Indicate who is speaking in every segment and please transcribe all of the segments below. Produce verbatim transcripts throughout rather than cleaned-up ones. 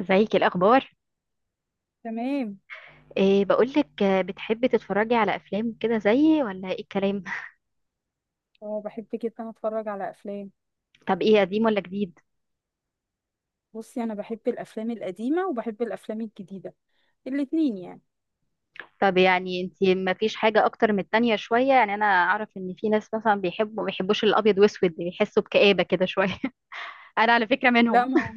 Speaker 1: ازيك؟ إيه الاخبار؟
Speaker 2: تمام.
Speaker 1: إيه بقولك، آه، بتحبي تتفرجي على افلام كده زيي ولا ايه الكلام؟
Speaker 2: اه، بحب جدا اتفرج على افلام.
Speaker 1: طب ايه، قديم ولا جديد؟
Speaker 2: بصي، انا بحب الافلام القديمه وبحب الافلام الجديده، الاتنين يعني.
Speaker 1: طب يعني انتي ما فيش حاجه اكتر من التانية شويه؟ يعني انا اعرف ان في ناس مثلا بيحبوا ما بيحبوش الابيض واسود، بيحسوا بكآبه كده شويه. انا على فكره
Speaker 2: لا
Speaker 1: منهم.
Speaker 2: ما هو-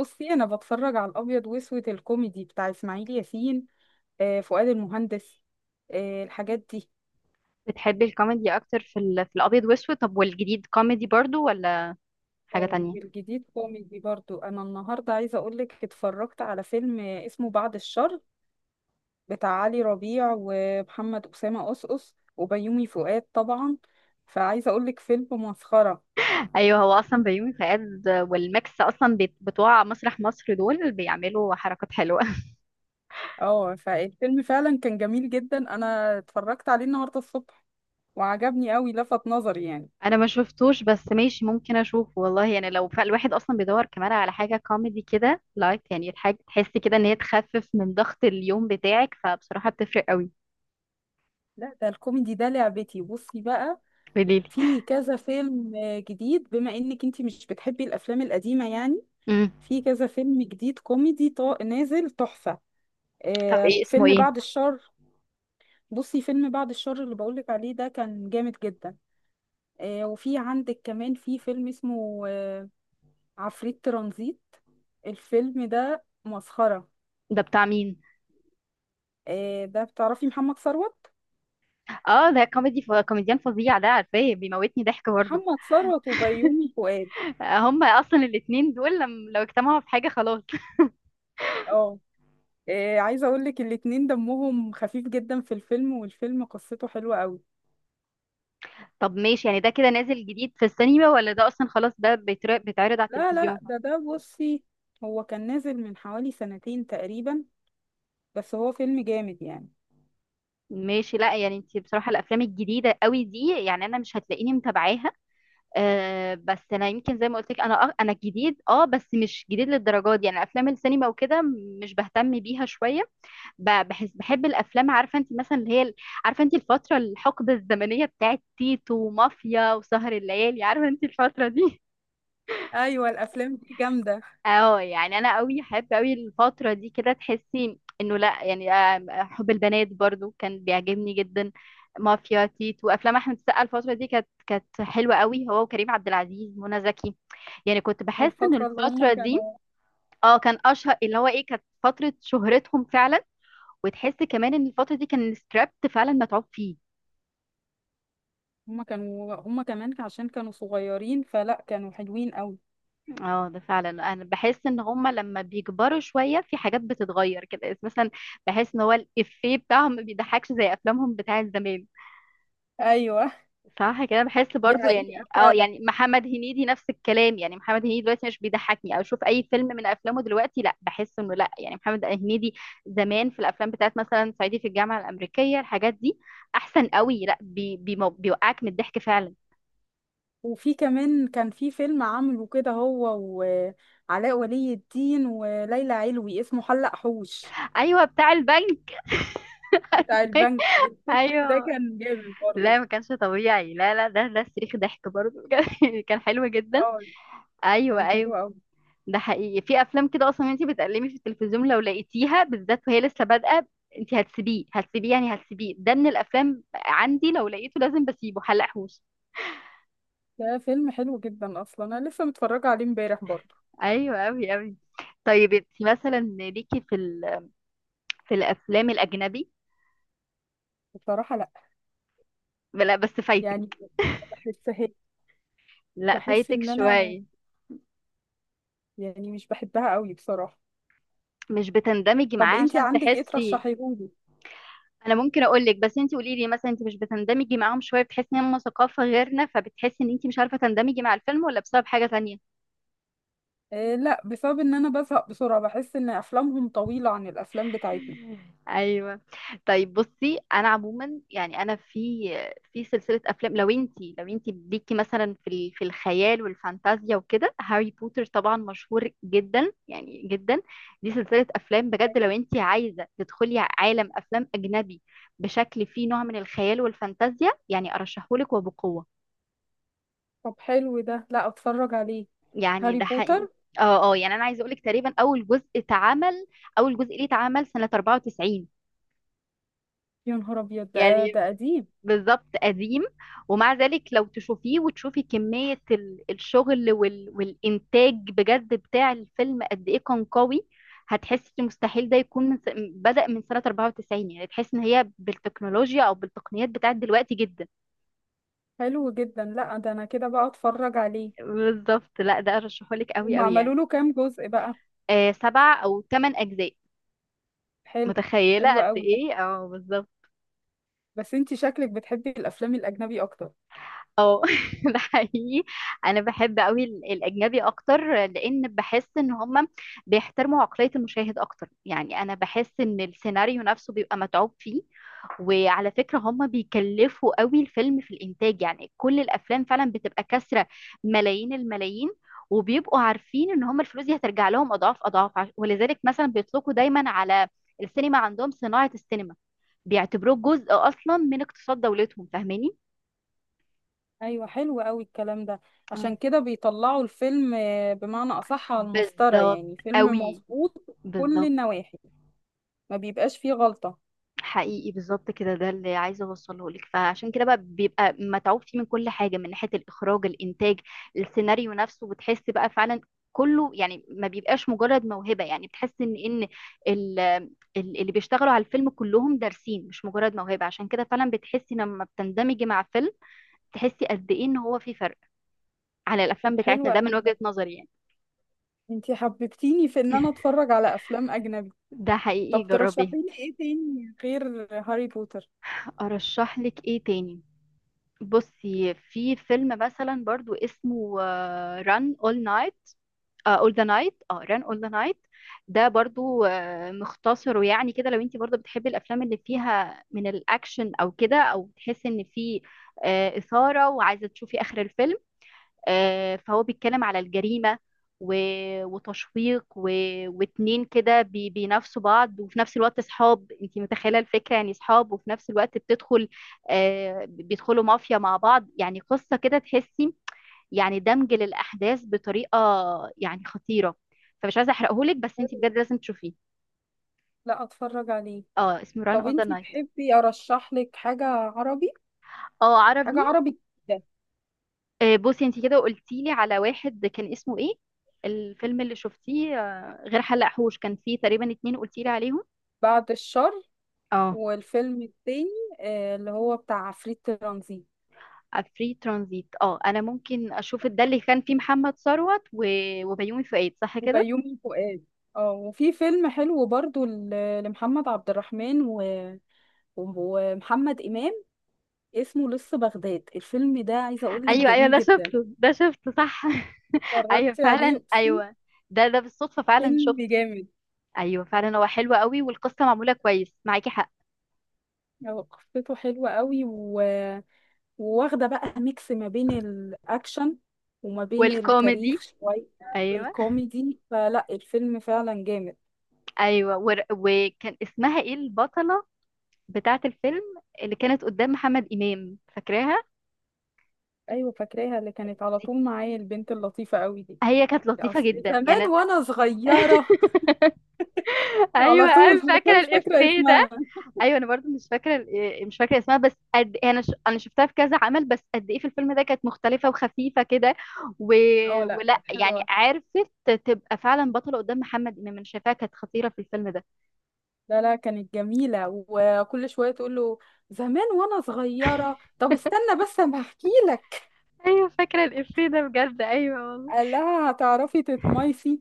Speaker 2: بصي، انا بتفرج على الابيض واسود الكوميدي بتاع اسماعيل ياسين، آه، فؤاد المهندس، آه، الحاجات دي.
Speaker 1: بتحبي الكوميدي اكتر في ال... في الابيض واسود؟ طب والجديد كوميدي برضو ولا حاجه
Speaker 2: آه،
Speaker 1: تانية؟
Speaker 2: والجديد كوميدي برضو. انا النهارده عايزه اقول لك اتفرجت على فيلم اسمه بعد الشر، بتاع علي ربيع ومحمد اسامه قصقص وبيومي فؤاد طبعا. فعايزه اقول لك فيلم مسخره.
Speaker 1: ايوه، هو اصلا بيومي فؤاد والماكس اصلا بت- بتوع مسرح مصر، دول بيعملوا حركات حلوه.
Speaker 2: اه، فالفيلم فعلا كان جميل جدا. انا اتفرجت عليه النهارده الصبح وعجبني قوي، لفت نظري يعني.
Speaker 1: انا ما شفتوش بس ماشي، ممكن اشوفه والله. يعني لو فالواحد اصلا بيدور كمان على حاجه كوميدي كده لايت، يعني الحاجه تحس كده ان هي تخفف من ضغط اليوم بتاعك، فبصراحه بتفرق قوي.
Speaker 2: لا، ده الكوميدي ده لعبتي. بصي بقى،
Speaker 1: قوليلي.
Speaker 2: في كذا فيلم آه، جديد، بما انك انتي مش بتحبي الافلام القديمه يعني.
Speaker 1: امم
Speaker 2: في كذا فيلم جديد كوميدي طا- نازل تحفه.
Speaker 1: طب
Speaker 2: آه،
Speaker 1: ايه اسمه،
Speaker 2: فيلم
Speaker 1: ايه؟
Speaker 2: بعد الشر. بصي، فيلم بعد الشر اللي بقولك عليه ده كان جامد جدا. آه، وفي عندك كمان في فيلم اسمه آه، عفريت ترانزيت. الفيلم ده مسخرة.
Speaker 1: ده بتاع مين؟
Speaker 2: آه، ده بتعرفي محمد ثروت.
Speaker 1: اه، ده كوميدي ف... كوميديان فظيع، ده عارفاه، بيموتني ضحك برضه.
Speaker 2: محمد ثروت وبيومي فؤاد.
Speaker 1: آه، هما اصلا الاتنين دول لم... لو اجتمعوا في حاجه خلاص.
Speaker 2: اه. آه، عايزه اقول لك الاتنين دمهم خفيف جدا في الفيلم، والفيلم قصته حلوه قوي.
Speaker 1: طب ماشي، يعني ده كده نازل جديد في السينما، ولا ده اصلا خلاص ده بيتر... بيتعرض على
Speaker 2: لا لا،
Speaker 1: التلفزيون؟
Speaker 2: ده ده بصي، هو كان نازل من حوالي سنتين تقريبا، بس هو فيلم جامد يعني.
Speaker 1: ماشي. لا يعني انت بصراحة الافلام الجديدة قوي دي، يعني انا مش هتلاقيني متابعاها. أه بس انا يمكن زي ما قلت لك، انا أه انا جديد، اه بس مش جديد للدرجة دي، يعني افلام السينما وكده مش بهتم بيها شوية. ب- بحس بحب الافلام، عارفة انت مثلا اللي هي ال- عارفة انت الفترة، الحقبة الزمنية بتاعت تيتو ومافيا وسهر الليالي، عارفة انت الفترة دي؟
Speaker 2: ايوه، الافلام دي جامده.
Speaker 1: اه، يعني انا قوي احب قوي الفتره دي كده، تحسي انه لا يعني، آه، حب البنات برضو كان بيعجبني جدا. مافيا تيت وافلام احمد السقا، الفتره دي كانت كانت حلوه قوي، هو وكريم عبد العزيز، منى زكي. يعني كنت بحس ان
Speaker 2: الفتره اللي هم
Speaker 1: الفتره دي،
Speaker 2: كانوا.
Speaker 1: اه، كان اشهر اللي هو ايه، كانت فتره شهرتهم فعلا. وتحس كمان ان الفتره دي كان السكريبت فعلا متعوب فيه.
Speaker 2: هم كانوا هم كمان عشان كانوا صغيرين، فلا كانوا حلوين قوي.
Speaker 1: اه ده فعلا، انا بحس ان هما لما بيكبروا شويه في حاجات بتتغير كده مثلا، بحس ان هو الافيه بتاعهم ما بيضحكش زي افلامهم بتاعت زمان.
Speaker 2: ايوه،
Speaker 1: صح كده، بحس
Speaker 2: دي
Speaker 1: برضو، يعني
Speaker 2: حقيقه
Speaker 1: اه
Speaker 2: فعلا.
Speaker 1: يعني محمد هنيدي نفس الكلام، يعني محمد هنيدي دلوقتي مش بيضحكني، او اشوف اي فيلم من افلامه دلوقتي لا، بحس انه لا يعني محمد هنيدي زمان في الافلام بتاعت مثلا صعيدي في الجامعه الامريكيه، الحاجات دي احسن قوي. لا بي بي بيوقعك من الضحك فعلا.
Speaker 2: وفي كمان كان في فيلم عامله كده هو وعلاء ولي الدين وليلى علوي، اسمه حلق حوش،
Speaker 1: ايوه، بتاع البنك.
Speaker 2: بتاع البنك. الفيلم ده
Speaker 1: ايوه،
Speaker 2: كان جامد برضه.
Speaker 1: لا ما كانش طبيعي. لا لا، ده ده صريخ ضحك برضه بجد. كان حلو جدا.
Speaker 2: اه، كان
Speaker 1: ايوه
Speaker 2: حلو
Speaker 1: ايوه.
Speaker 2: قوي.
Speaker 1: ده حقيقي في افلام كده اصلا انت بتقلبي في التلفزيون لو لقيتيها بالذات وهي لسه بادئه، انت هتسيبيه هتسيبيه يعني هتسيبيه، ده من الافلام عندي لو لقيته لازم بسيبه حلقهوش.
Speaker 2: ده فيلم حلو جدا، اصلا انا لسه متفرجه عليه امبارح برضه.
Speaker 1: ايوه اوي اوي. طيب انت مثلا ليكي في ال... في الافلام الاجنبي؟
Speaker 2: بصراحه لا،
Speaker 1: لا بس فايتك.
Speaker 2: يعني بحسها،
Speaker 1: لا
Speaker 2: بحس
Speaker 1: فايتك
Speaker 2: ان انا
Speaker 1: شويه.
Speaker 2: يعني مش بحبها قوي بصراحه.
Speaker 1: مش بتندمجي
Speaker 2: طب
Speaker 1: معاه
Speaker 2: انتي
Speaker 1: عشان
Speaker 2: عندك ايه
Speaker 1: تحسي؟
Speaker 2: ترشحيهولي؟
Speaker 1: انا ممكن اقول لك، بس انت قولي لي مثلا، انت مش بتندمجي معاهم شويه، بتحسي ان هم ثقافه غيرنا فبتحسي ان انت مش عارفه تندمجي مع الفيلم، ولا بسبب حاجه تانية؟
Speaker 2: آه لا، بسبب ان انا بزهق بسرعه، بحس ان افلامهم طويله عن الافلام بتاعتنا.
Speaker 1: ايوه. طيب بصي، انا عموما يعني انا في في سلسله افلام، لو انت لو انت ليكي مثلا في ال- في الخيال والفانتازيا وكده، هاري بوتر طبعا مشهور جدا يعني جدا. دي سلسله افلام، بجد لو انت عايزه تدخلي عالم افلام اجنبي بشكل فيه نوع من الخيال والفانتازيا، يعني ارشحهولك وبقوه.
Speaker 2: طب حلو ده، لا اتفرج عليه.
Speaker 1: يعني
Speaker 2: هاري
Speaker 1: ده حقيقي.
Speaker 2: بوتر.
Speaker 1: اه اه، يعني انا عايزه اقول لك تقريبا اول جزء اتعمل، اول جزء ليه اتعمل سنه أربعه وتسعين.
Speaker 2: يا نهار ابيض، ده
Speaker 1: يعني
Speaker 2: ده قديم.
Speaker 1: بالظبط قديم، ومع ذلك لو تشوفيه وتشوفي كميه ال- الشغل وال والانتاج بجد بتاع الفيلم قد ايه كان قوي، هتحسي إن مستحيل ده يكون من س- بدأ من سنه أربعه وتسعين، يعني تحس ان هي بالتكنولوجيا او بالتقنيات بتاعت دلوقتي جدا.
Speaker 2: حلو جدا، لا ده انا كده بقى اتفرج عليه.
Speaker 1: بالظبط، لا ده ارشحهولك قوي
Speaker 2: هم
Speaker 1: قوي
Speaker 2: عملوا
Speaker 1: يعني.
Speaker 2: له كام جزء بقى؟
Speaker 1: آه، سبع او ثمان اجزاء.
Speaker 2: حلو. حلو
Speaker 1: متخيله قد
Speaker 2: قوي ده.
Speaker 1: ايه؟ اه بالظبط.
Speaker 2: بس انتي شكلك بتحبي الافلام الاجنبي اكتر.
Speaker 1: اه. ده حقيقي، انا بحب قوي ال- الاجنبي اكتر، لان بحس ان هم بيحترموا عقلية المشاهد اكتر، يعني انا بحس ان السيناريو نفسه بيبقى متعوب فيه. وعلى فكرة هم بيكلفوا قوي الفيلم في الانتاج، يعني كل الافلام فعلا بتبقى كسرة ملايين الملايين، وبيبقوا عارفين ان هم الفلوس دي هترجع لهم اضعاف اضعاف، عش- ولذلك مثلا بيطلقوا دايما على السينما عندهم صناعة السينما، بيعتبروه جزء اصلا من اقتصاد دولتهم، فاهماني؟
Speaker 2: ايوه، حلو قوي الكلام ده. عشان كده بيطلعوا الفيلم آه، بمعنى اصح على المسطره،
Speaker 1: بالظبط
Speaker 2: يعني فيلم
Speaker 1: قوي،
Speaker 2: مظبوط كل
Speaker 1: بالظبط.
Speaker 2: النواحي، ما بيبقاش فيه غلطه.
Speaker 1: حقيقي بالظبط كده، ده اللي عايزه اوصله لك، فعشان كده بقى بيبقى متعوب فيه من كل حاجه، من ناحيه الاخراج، الانتاج، السيناريو نفسه، بتحس بقى فعلا كله. يعني ما بيبقاش مجرد موهبه، يعني بتحس ان ان ال- ال- اللي بيشتغلوا على الفيلم كلهم دارسين مش مجرد موهبه، عشان كده فعلا بتحسي لما بتندمجي مع فيلم تحسي قد ايه ان هو في فرق على
Speaker 2: طب
Speaker 1: الافلام بتاعتنا.
Speaker 2: حلو
Speaker 1: ده من
Speaker 2: قوي
Speaker 1: وجهه
Speaker 2: ده،
Speaker 1: نظري يعني.
Speaker 2: انتي حببتيني في ان انا اتفرج على افلام اجنبي.
Speaker 1: ده حقيقي
Speaker 2: طب
Speaker 1: جربيه.
Speaker 2: ترشحي لي ايه تاني غير هاري بوتر؟
Speaker 1: ارشح لك ايه تاني؟ بصي في فيلم مثلا برضو اسمه ران اول نايت، اول ذا نايت، اه ران اول ذا نايت. ده برضو آه، مختصر ويعني كده، لو انت برضو بتحبي الافلام اللي فيها من الاكشن او كده، او بتحسي ان في آه، اثاره وعايزه تشوفي اخر الفيلم. آه، فهو بيتكلم على الجريمة و- وتشويق و... واتنين كده بي... بينافسوا بعض، وفي نفس الوقت صحاب، انت متخيلة الفكرة يعني، صحاب وفي نفس الوقت بتدخل، آه، بيدخلوا مافيا مع بعض، يعني قصة كده تحسي، يعني دمج للأحداث بطريقة يعني خطيرة. فمش عايزة احرقهولك بس انت
Speaker 2: حلو.
Speaker 1: بجد لازم تشوفيه.
Speaker 2: لا اتفرج عليه.
Speaker 1: اه اسمه ران
Speaker 2: طب
Speaker 1: اوف ذا
Speaker 2: انتي
Speaker 1: نايت.
Speaker 2: تحبي ارشح لك حاجة عربي؟
Speaker 1: اه عربي.
Speaker 2: حاجة عربي كده.
Speaker 1: آه، بصي انت كده قلتي لي على واحد كان اسمه ايه، الفيلم اللي شفتيه آه، غير حلق حوش كان فيه تقريبا اتنين قلتي لي عليهم؟
Speaker 2: بعد الشر.
Speaker 1: اه.
Speaker 2: والفيلم التاني آه، اللي هو بتاع عفريت ترانزيت.
Speaker 1: فري ترانزيت، اه انا ممكن اشوف ده، اللي كان فيه محمد ثروت و... وبيومي فؤاد، صح كده؟
Speaker 2: وبيومي فؤاد. اه، وفي فيلم حلو برضو ل- لمحمد عبد الرحمن و... ومحمد إمام، اسمه لص بغداد. الفيلم ده عايزة اقول لك
Speaker 1: ايوه ايوه،
Speaker 2: جميل
Speaker 1: ده
Speaker 2: جدا.
Speaker 1: شفته ده شفته صح. ايوه
Speaker 2: اتفرجتي عليه،
Speaker 1: فعلا
Speaker 2: اقسم.
Speaker 1: ايوه، ده ده بالصدفه فعلا
Speaker 2: فيلم
Speaker 1: شفته.
Speaker 2: جامد.
Speaker 1: ايوه فعلا، هو حلو قوي، والقصه معموله كويس، معاكي حق.
Speaker 2: هو قصته حلوة قوي، وواخدة بقى ميكس ما بين الأكشن وما بين التاريخ
Speaker 1: والكوميدي.
Speaker 2: شوية
Speaker 1: ايوه
Speaker 2: والكوميدي، فلا الفيلم فعلا جامد.
Speaker 1: ايوه. ور... وكان اسمها ايه البطله بتاعة الفيلم، اللي كانت قدام محمد إمام، فاكراها؟
Speaker 2: أيوة فاكراها، اللي كانت على
Speaker 1: دي؟
Speaker 2: طول معايا البنت اللطيفة قوي دي.
Speaker 1: هي كانت لطيفة
Speaker 2: أصل
Speaker 1: جدا يعني،
Speaker 2: زمان
Speaker 1: أنا.
Speaker 2: وأنا صغيرة على
Speaker 1: ايوه
Speaker 2: طول،
Speaker 1: انا
Speaker 2: بس أنا
Speaker 1: فاكره
Speaker 2: مش فاكرة
Speaker 1: الافيه ده.
Speaker 2: اسمها.
Speaker 1: ايوه انا برضو مش فاكره ال- آه، مش فاكره اسمها، بس قد إيه، انا ش... انا شفتها في كذا عمل، بس قد ايه في الفيلم ده كانت مختلفه وخفيفه كده و...
Speaker 2: اه، لا
Speaker 1: ولا
Speaker 2: كانت
Speaker 1: يعني
Speaker 2: حلوة.
Speaker 1: عرفت تبقى فعلا بطله قدام محمد امام. انا شايفاها كانت خطيره في الفيلم ده.
Speaker 2: لا لا، كانت جميلة، وكل شوية تقول له زمان وأنا صغيرة. طب استنى بس أما أحكي لك.
Speaker 1: ايوه فاكره الافيه ده بجد، ايوه والله.
Speaker 2: قال لها هتعرفي تتميسي،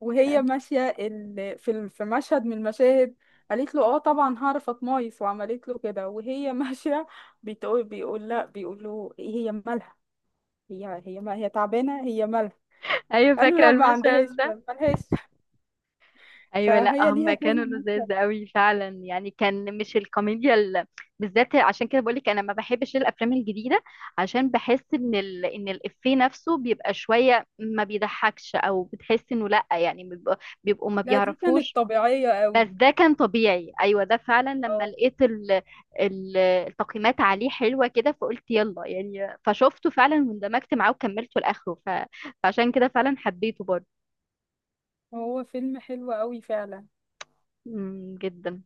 Speaker 2: وهي ماشية ال... في ال- في مشهد من المشاهد قالت له اه طبعا هعرف اتمايص، وعملت له كده وهي ماشية. بتقول بيقول لا، بيقول له إيه هي مالها؟ هي هي ما هي تعبانة، هي مالها؟
Speaker 1: ايوه
Speaker 2: قال له
Speaker 1: فاكره
Speaker 2: لا، ما عندهاش
Speaker 1: المشهد ده.
Speaker 2: ما- مالهاش.
Speaker 1: ايوه، لا
Speaker 2: فهي ليها
Speaker 1: هم
Speaker 2: كذا
Speaker 1: كانوا
Speaker 2: مشهد.
Speaker 1: لذاذ قوي فعلا، يعني كان مش الكوميديا ال... بالذات، عشان كده بقول لك انا ما بحبش الافلام الجديده، عشان بحس ان ال... ان الافيه نفسه بيبقى شويه ما بيضحكش، او بتحس انه لا يعني بيبقوا, بيبقوا ما
Speaker 2: لا دي كانت
Speaker 1: بيعرفوش.
Speaker 2: طبيعية
Speaker 1: بس
Speaker 2: قوي.
Speaker 1: ده كان طبيعي، ايوه ده فعلا لما
Speaker 2: اه،
Speaker 1: لقيت ال... ال... التقييمات عليه حلوه كده، فقلت يلا يعني، فشفته فعلا واندمجت معاه وكملته لاخره، ف... فعشان كده فعلا حبيته برضه.
Speaker 2: هو فيلم حلو قوي فعلا.
Speaker 1: أمم، جدا.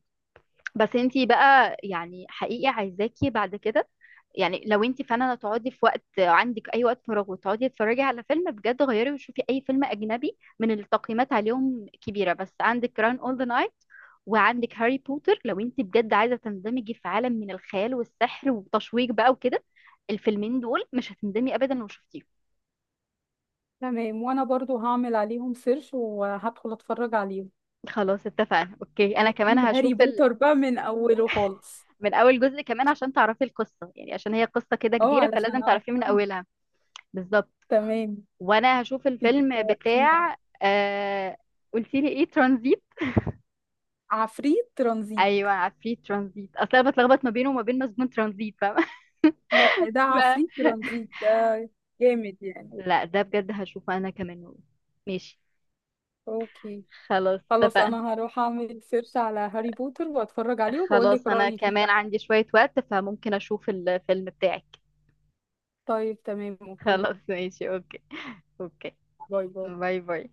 Speaker 1: بس انتي بقى يعني حقيقي عايزاكي بعد كده يعني، لو انتي فعلا هتقعدي في وقت، عندك اي وقت فراغ وتقعدي تتفرجي على فيلم بجد، غيري وشوفي اي فيلم اجنبي من اللي التقييمات عليهم كبيره، بس عندك كران اول ذا نايت، وعندك هاري بوتر لو انتي بجد عايزه تندمجي في عالم من الخيال والسحر وتشويق بقى وكده. الفيلمين دول مش هتندمي ابدا لو شفتيهم.
Speaker 2: تمام، وانا برضو هعمل عليهم سيرش وهدخل اتفرج عليهم.
Speaker 1: خلاص اتفقنا اوكي، انا كمان
Speaker 2: هجيب
Speaker 1: هشوف
Speaker 2: هاري
Speaker 1: ال...
Speaker 2: بوتر بقى من اوله خالص.
Speaker 1: من اول جزء كمان عشان تعرفي القصه، يعني عشان هي قصه كده
Speaker 2: اه
Speaker 1: كبيره، فلازم
Speaker 2: علشان
Speaker 1: تعرفيه من
Speaker 2: أفهم.
Speaker 1: اولها. بالظبط.
Speaker 2: تمام.
Speaker 1: وانا هشوف
Speaker 2: انت
Speaker 1: الفيلم
Speaker 2: شوقتيني اهو.
Speaker 1: بتاع آه... قلت لي ايه ترانزيت؟
Speaker 2: عفريت ترانزيت.
Speaker 1: ايوه عفريت ترانزيت، اصل انا بتلخبط ما بينه وما بين مسجون ترانزيت، فاهمه؟
Speaker 2: لا ده عفريت
Speaker 1: ف-
Speaker 2: ترانزيت ده جامد يعني.
Speaker 1: لا ده بجد هشوفه انا كمان والله. ماشي.
Speaker 2: اوكي.
Speaker 1: خلاص
Speaker 2: خلاص،
Speaker 1: اتفقنا.
Speaker 2: انا هروح اعمل سيرش على هاري بوتر واتفرج عليه وبقول لك
Speaker 1: خلاص انا
Speaker 2: رأيي فيه
Speaker 1: كمان
Speaker 2: بقى.
Speaker 1: عندي شوية وقت، فممكن اشوف الفيلم بتاعك.
Speaker 2: طيب تمام، اوكي.
Speaker 1: خلاص ماشي اوكي. اوكي.
Speaker 2: باي باي.
Speaker 1: باي باي.